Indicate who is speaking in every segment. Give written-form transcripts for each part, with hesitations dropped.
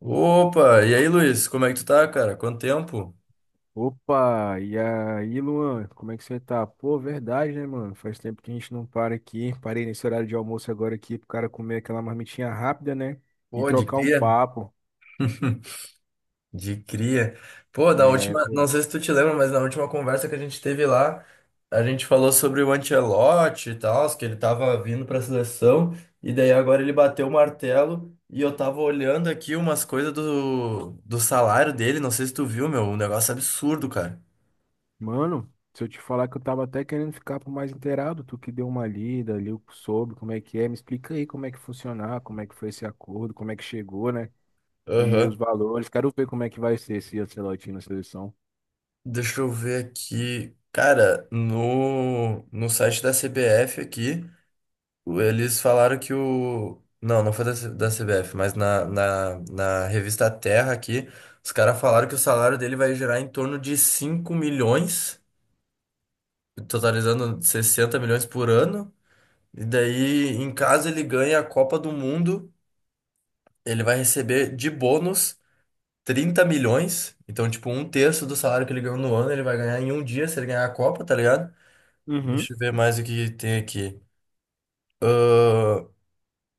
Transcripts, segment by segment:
Speaker 1: Opa, e aí, Luiz, como é que tu tá, cara? Quanto tempo?
Speaker 2: Opa, e aí, Luan, como é que você tá? Pô, verdade, né, mano? Faz tempo que a gente não para aqui. Parei nesse horário de almoço agora aqui pro cara comer aquela marmitinha rápida, né? E
Speaker 1: Pô, de
Speaker 2: trocar um
Speaker 1: cria?
Speaker 2: papo.
Speaker 1: De cria. Pô, da
Speaker 2: É,
Speaker 1: última, não
Speaker 2: pô.
Speaker 1: sei se tu te lembra, mas na última conversa que a gente teve lá, a gente falou sobre o Ancelotti e tal, que ele tava vindo pra seleção, e daí agora ele bateu o martelo, e eu tava olhando aqui umas coisas do salário dele, não sei se tu viu, meu, um negócio absurdo, cara.
Speaker 2: Mano, se eu te falar que eu tava até querendo ficar por mais inteirado, tu que deu uma lida, ali sobre como é que é, me explica aí como é que funcionar, como é que foi esse acordo, como é que chegou, né? E os
Speaker 1: Aham.
Speaker 2: valores. Quero ver como é que vai ser esse Ancelotti na seleção.
Speaker 1: Deixa eu ver aqui. Cara, no site da CBF aqui. Eles falaram que o. Não, não foi da, da CBF, mas na revista Terra aqui, os caras falaram que o salário dele vai gerar em torno de 5 milhões, totalizando 60 milhões por ano. E daí, em caso ele ganhe a Copa do Mundo, ele vai receber de bônus 30 milhões. Então, tipo, um terço do salário que ele ganhou no ano, ele vai ganhar em um dia se ele ganhar a Copa, tá ligado?
Speaker 2: Uhum.
Speaker 1: Deixa eu ver mais o que tem aqui. Ah,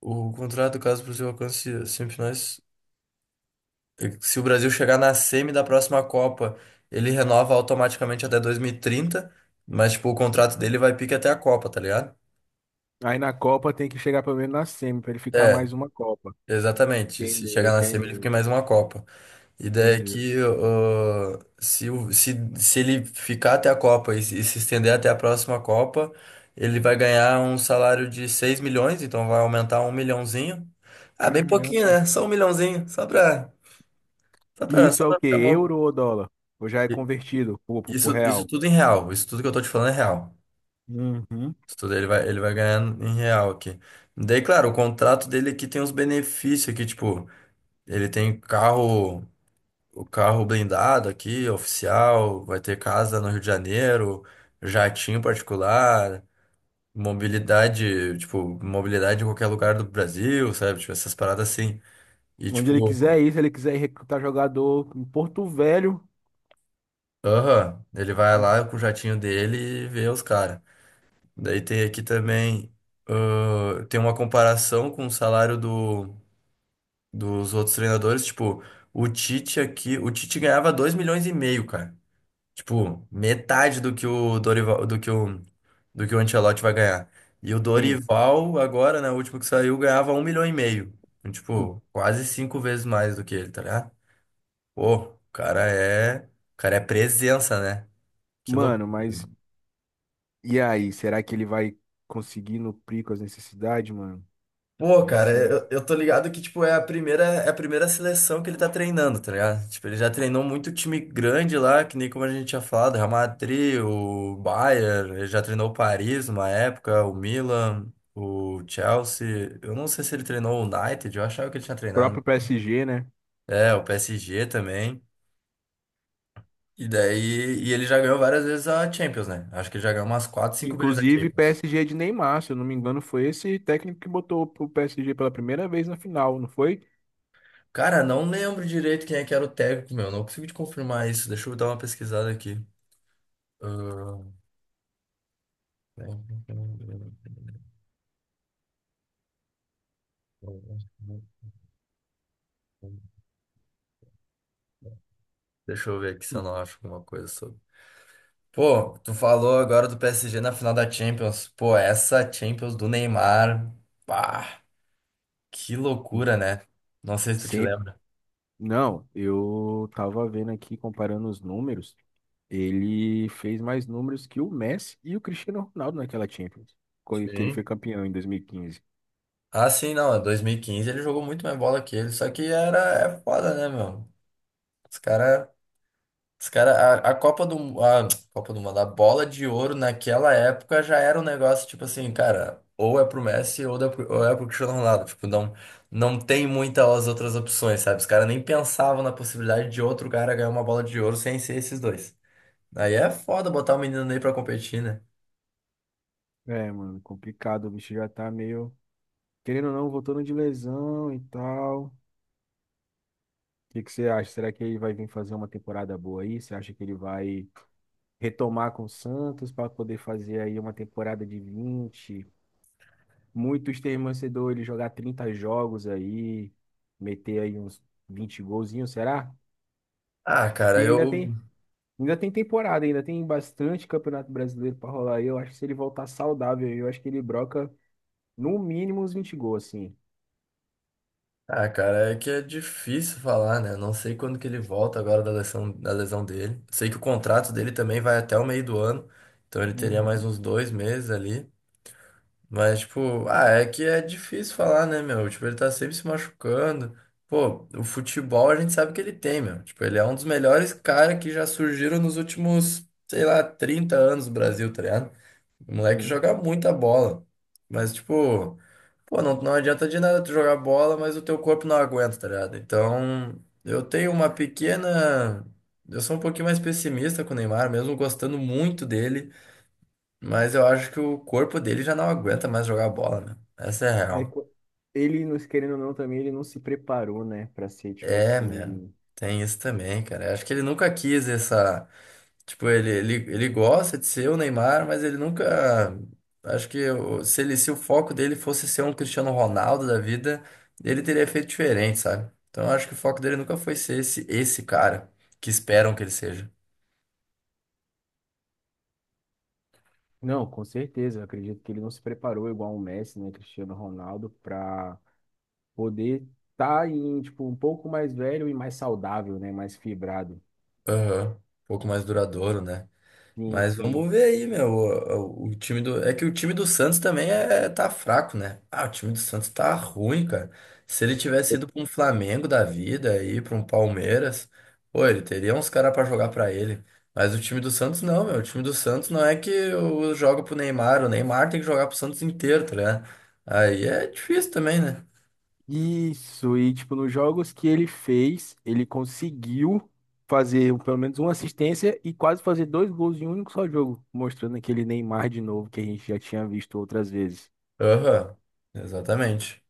Speaker 1: o contrato, caso para o seu alcance semifinais. Se o Brasil chegar na semi da próxima Copa, ele renova automaticamente até 2030, mas tipo, o contrato dele vai pique até a Copa, tá ligado?
Speaker 2: Aí na Copa tem que chegar pelo menos na semi, pra ele ficar
Speaker 1: É,
Speaker 2: mais uma Copa.
Speaker 1: exatamente. Se
Speaker 2: Entendeu,
Speaker 1: chegar na semi, ele fica
Speaker 2: entendeu,
Speaker 1: em mais uma Copa. Ideia é
Speaker 2: entendeu.
Speaker 1: que se, se ele ficar até a Copa e, se estender até a próxima Copa, ele vai ganhar um salário de 6 milhões, então vai aumentar um milhãozinho. Ah, bem pouquinho,
Speaker 2: Caramba.
Speaker 1: né? Só um milhãozinho,
Speaker 2: E isso
Speaker 1: só
Speaker 2: é o
Speaker 1: pra
Speaker 2: quê?
Speaker 1: ficar bom.
Speaker 2: Euro ou dólar? Ou já é convertido pro
Speaker 1: Isso
Speaker 2: real?
Speaker 1: tudo em real. Isso tudo que eu tô te falando é real.
Speaker 2: Uhum.
Speaker 1: Isso tudo ele vai ganhar em real aqui. Daí, claro, o contrato dele aqui tem uns benefícios aqui, tipo, ele tem carro, o carro blindado aqui, oficial, vai ter casa no Rio de Janeiro, jatinho particular, mobilidade, tipo, mobilidade em qualquer lugar do Brasil, sabe? Tipo, essas paradas assim. E
Speaker 2: Onde ele
Speaker 1: tipo,
Speaker 2: quiser ir, se ele quiser ir recrutar jogador em Porto Velho.
Speaker 1: aham, ele vai lá com o jatinho dele e vê os caras. Daí tem aqui também, ah, tem uma comparação com o salário dos outros treinadores. Tipo, o Tite aqui, o Tite ganhava 2,5 milhões, cara. Tipo, metade do que o Dorival, do que o Ancelotti vai ganhar. E o
Speaker 2: Sim.
Speaker 1: Dorival, agora, né, o último que saiu, ganhava 1,5 milhão. Então, tipo, quase cinco vezes mais do que ele, tá ligado? Pô, o cara é presença, né? Que louco.
Speaker 2: Mano, mas e aí? Será que ele vai conseguir nuprir com as necessidades, mano?
Speaker 1: Pô,
Speaker 2: De
Speaker 1: cara,
Speaker 2: ser o
Speaker 1: eu tô ligado que, tipo, é a primeira seleção que ele tá treinando, tá ligado? Tipo, ele já treinou muito time grande lá, que nem como a gente tinha falado, Real Madrid, o Bayern, ele já treinou o Paris numa época, o Milan, o Chelsea. Eu não sei se ele treinou o United, eu achava que ele tinha treinado.
Speaker 2: próprio PSG, né?
Speaker 1: É, o PSG também. E daí, e ele já ganhou várias vezes a Champions, né? Acho que ele já ganhou umas 4, 5 vezes a
Speaker 2: Inclusive,
Speaker 1: Champions.
Speaker 2: PSG de Neymar, se eu não me engano, foi esse técnico que botou o PSG pela primeira vez na final, não foi?
Speaker 1: Cara, não lembro direito quem é que era o técnico, meu. Não consigo te confirmar isso. Deixa eu dar uma pesquisada aqui. Ah, deixa eu ver aqui se eu
Speaker 2: Hum,
Speaker 1: não acho alguma coisa sobre. Pô, tu falou agora do PSG na final da Champions. Pô, essa Champions do Neymar. Pá, que
Speaker 2: hum.
Speaker 1: loucura, né? Não sei se tu te
Speaker 2: Sempre.
Speaker 1: lembra.
Speaker 2: Não, eu tava vendo aqui, comparando os números, ele fez mais números que o Messi e o Cristiano Ronaldo naquela Champions, que ele foi
Speaker 1: Sim.
Speaker 2: campeão em 2015.
Speaker 1: Ah, sim, não. Em 2015 ele jogou muito mais bola que ele. Só que era é foda, né, meu? Os caras. Os cara, a a Copa do Mundo, a bola de ouro naquela época já era um negócio tipo assim, cara, ou é pro Messi ou é pro Cristiano Ronaldo. Tipo, não tem muitas outras opções, sabe? Os caras nem pensavam na possibilidade de outro cara ganhar uma bola de ouro sem ser esses dois. Aí é foda botar o menino Ney pra competir, né?
Speaker 2: É, mano, complicado, o bicho já tá meio, querendo ou não, voltando de lesão e tal. O que que você acha? Será que ele vai vir fazer uma temporada boa aí? Você acha que ele vai retomar com o Santos para poder fazer aí uma temporada de 20, muitos têm torcedor ele jogar 30 jogos aí, meter aí uns 20 golzinhos, será?
Speaker 1: Ah,
Speaker 2: E
Speaker 1: cara,
Speaker 2: ainda
Speaker 1: eu.
Speaker 2: tem, ainda tem temporada, ainda tem bastante Campeonato Brasileiro para rolar aí. Eu acho que se ele voltar saudável, eu acho que ele broca no mínimo uns 20 gols, assim.
Speaker 1: Ah, cara, é que é difícil falar, né? Eu não sei quando que ele volta agora da lesão dele. Sei que o contrato dele também vai até o meio do ano, então ele teria mais
Speaker 2: Uhum,
Speaker 1: uns dois meses ali. Mas, tipo, ah, é que é difícil falar, né, meu? Tipo, ele tá sempre se machucando. Pô, o futebol a gente sabe que ele tem, meu. Tipo, ele é um dos melhores caras que já surgiram nos últimos, sei lá, 30 anos do Brasil, tá ligado? O moleque
Speaker 2: sim.
Speaker 1: joga muita bola. Mas, tipo, pô, não adianta de nada tu jogar bola, mas o teu corpo não aguenta, tá ligado? Então, eu tenho uma pequena. Eu sou um pouquinho mais pessimista com o Neymar, mesmo gostando muito dele, mas eu acho que o corpo dele já não aguenta mais jogar bola, né? Essa é a
Speaker 2: É,
Speaker 1: real.
Speaker 2: ele, querendo ou não, também ele não se preparou, né, para ser tipo
Speaker 1: É, mesmo.
Speaker 2: assim.
Speaker 1: Tem isso também, cara. Eu acho que ele nunca quis essa. Tipo, ele gosta de ser o Neymar, mas ele nunca. Acho que se o foco dele fosse ser um Cristiano Ronaldo da vida, ele teria feito diferente, sabe? Então eu acho que o foco dele nunca foi ser esse cara que esperam que ele seja.
Speaker 2: Não, com certeza. Eu acredito que ele não se preparou igual o Messi, né, Cristiano Ronaldo, para poder estar em, tipo, um pouco mais velho e mais saudável, né, mais fibrado.
Speaker 1: Aham. Um pouco mais duradouro, né?
Speaker 2: Sim,
Speaker 1: Mas
Speaker 2: sim.
Speaker 1: vamos ver aí, meu. O time do. É que o time do Santos também tá fraco, né? Ah, o time do Santos tá ruim, cara. Se ele tivesse ido pra um Flamengo da vida aí, pra um Palmeiras, pô, ele teria uns caras pra jogar pra ele. Mas o time do Santos não, meu. O time do Santos não é que o- joga pro Neymar. O Neymar tem que jogar pro Santos inteiro, tá ligado? Aí é difícil também, né?
Speaker 2: Isso, e tipo, nos jogos que ele fez, ele conseguiu fazer pelo menos uma assistência e quase fazer dois gols em um único só jogo, mostrando aquele Neymar de novo que a gente já tinha visto outras vezes.
Speaker 1: Aham, exatamente.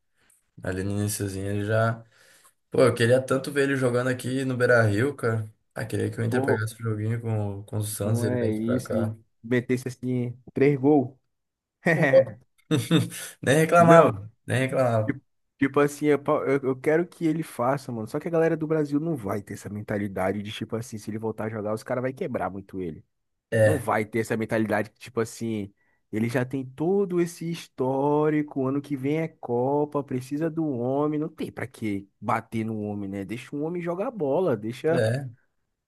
Speaker 1: Ali no iniciozinho ele já. Pô, eu queria tanto ver ele jogando aqui no Beira-Rio, cara. Ah, queria que o Inter
Speaker 2: Pô,
Speaker 1: pegasse o joguinho com o Santos e
Speaker 2: não
Speaker 1: ele
Speaker 2: é
Speaker 1: viesse pra
Speaker 2: isso, e
Speaker 1: cá.
Speaker 2: metesse assim, três gols.
Speaker 1: Pô. Nem
Speaker 2: Não,
Speaker 1: reclamava, nem reclamava.
Speaker 2: Tipo tipo assim, eu, pa- eu quero que ele faça, mano. Só que a galera do Brasil não vai ter essa mentalidade de, tipo assim, se ele voltar a jogar, os caras vai quebrar muito ele. Não
Speaker 1: É,
Speaker 2: vai ter essa mentalidade que, tipo assim, ele já tem todo esse histórico, ano que vem é Copa, precisa do homem. Não tem pra que bater no homem, né? Deixa o homem jogar bola, deixa,
Speaker 1: é.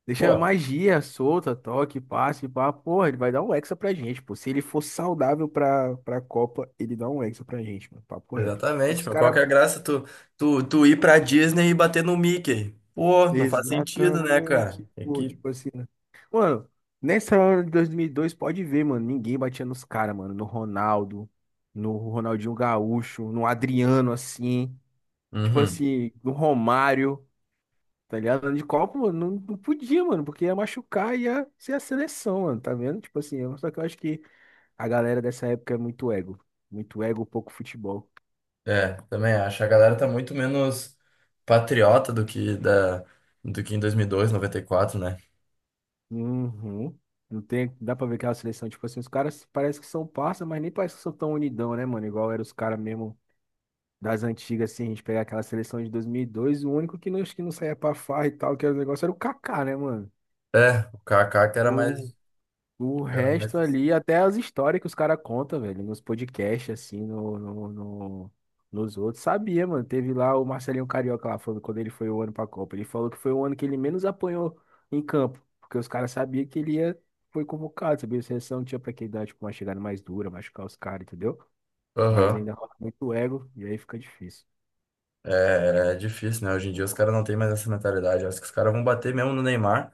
Speaker 2: deixa a
Speaker 1: Pô,
Speaker 2: magia solta, toque, passe, pá. Porra, ele vai dar um hexa pra gente, pô. Se ele for saudável pra Copa, ele dá um hexa pra gente, mano. Papo reto. Só que
Speaker 1: exatamente,
Speaker 2: os
Speaker 1: meu. Qual que
Speaker 2: caras
Speaker 1: é a graça tu ir pra Disney e bater no Mickey? Pô, não faz sentido, né, cara?
Speaker 2: Exatamente,
Speaker 1: Tem
Speaker 2: pô,
Speaker 1: que...
Speaker 2: tipo assim, né? Mano, nessa hora de 2002 pode ver, mano, ninguém batia nos caras, mano, no Ronaldo, no Ronaldinho Gaúcho, no Adriano, assim, tipo
Speaker 1: Uhum.
Speaker 2: assim, no Romário, tá ligado? De Copa, mano, não, não podia, mano, porque ia machucar e ia ser a seleção, mano, tá vendo? Tipo assim, só que eu acho que a galera dessa época é muito ego, pouco futebol.
Speaker 1: É, também acho. A galera tá muito menos patriota do que em 2002, 94, né?
Speaker 2: Uhum. Não tem, dá pra ver que a seleção, tipo assim, os caras parece que são parça, mas nem parece que são tão unidão, né, mano? Igual eram os caras mesmo das antigas, assim, a gente pegar aquela seleção de 2002, o único que não, acho que não saía pra farra e tal, que era o negócio, era o Kaká, né, mano?
Speaker 1: É, o Kaká que era
Speaker 2: O
Speaker 1: mais...
Speaker 2: o
Speaker 1: Que era
Speaker 2: resto
Speaker 1: mais...
Speaker 2: ali, até as histórias que os caras contam, velho, nos podcasts, assim, nos outros. Sabia, mano. Teve lá o Marcelinho Carioca lá falando quando ele foi o ano pra Copa. Ele falou que foi o ano que ele menos apanhou em campo, porque os caras sabiam que ele ia, foi convocado, sabia? A seleção tinha pra que dar, tipo, uma chegada mais dura, machucar os caras, entendeu? Mas
Speaker 1: Aham.
Speaker 2: ainda rola muito ego e aí fica difícil.
Speaker 1: É, é difícil, né? Hoje em dia os caras não têm mais essa mentalidade. Acho que os caras vão bater mesmo no Neymar.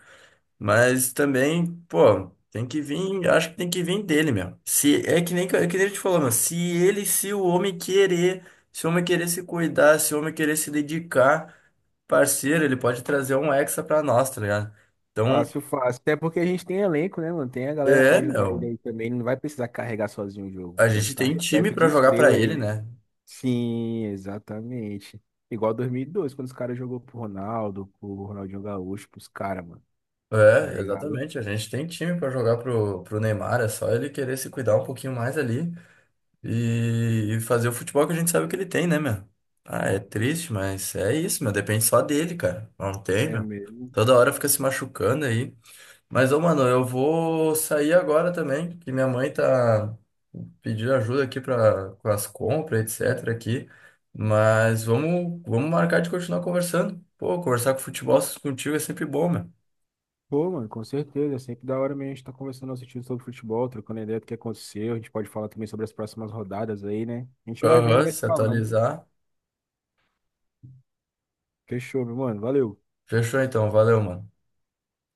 Speaker 1: Mas também, pô, tem que vir. Acho que tem que vir dele mesmo. Se, é que nem, é que nem a gente falou, se o homem querer, se o homem querer se cuidar, se o homem querer se dedicar, parceiro, ele pode trazer um hexa pra nós, tá ligado? Então,
Speaker 2: Fácil, fácil. Até porque a gente tem elenco, né, mano? Tem a galera pra
Speaker 1: é,
Speaker 2: ajudar ele
Speaker 1: meu.
Speaker 2: aí também. Não vai precisar carregar sozinho o jogo. O
Speaker 1: A
Speaker 2: Brasil
Speaker 1: gente
Speaker 2: tá
Speaker 1: tem time
Speaker 2: repleto
Speaker 1: pra
Speaker 2: de
Speaker 1: jogar pra
Speaker 2: estrela
Speaker 1: ele,
Speaker 2: aí.
Speaker 1: né?
Speaker 2: Sim, exatamente. Igual 2002, quando os caras jogou pro Ronaldo, pro Ronaldinho Gaúcho, pros caras, mano. Tá
Speaker 1: É,
Speaker 2: ligado?
Speaker 1: exatamente. A gente tem time pra jogar pro Neymar. É só ele querer se cuidar um pouquinho mais ali. E fazer o futebol que a gente sabe que ele tem, né, meu? Ah, é triste, mas é isso, meu. Depende só dele, cara. Não tem,
Speaker 2: É
Speaker 1: meu.
Speaker 2: mesmo.
Speaker 1: Toda hora fica se machucando aí. Mas, ô, mano, eu vou sair agora também, que minha mãe tá pedindo ajuda aqui pra, com as compras, etc, aqui. Mas vamos marcar de continuar conversando. Pô, conversar com futebol contigo é sempre bom, meu.
Speaker 2: Pô, mano, com certeza. É sempre da hora mesmo a gente tá conversando, assistindo sobre futebol, trocando ideia do que aconteceu. A gente pode falar também sobre as próximas rodadas aí, né? A gente vai vendo, e
Speaker 1: Aham,
Speaker 2: vai se
Speaker 1: se
Speaker 2: falando.
Speaker 1: atualizar.
Speaker 2: Fechou, meu mano. Valeu.
Speaker 1: Fechou então, valeu, mano.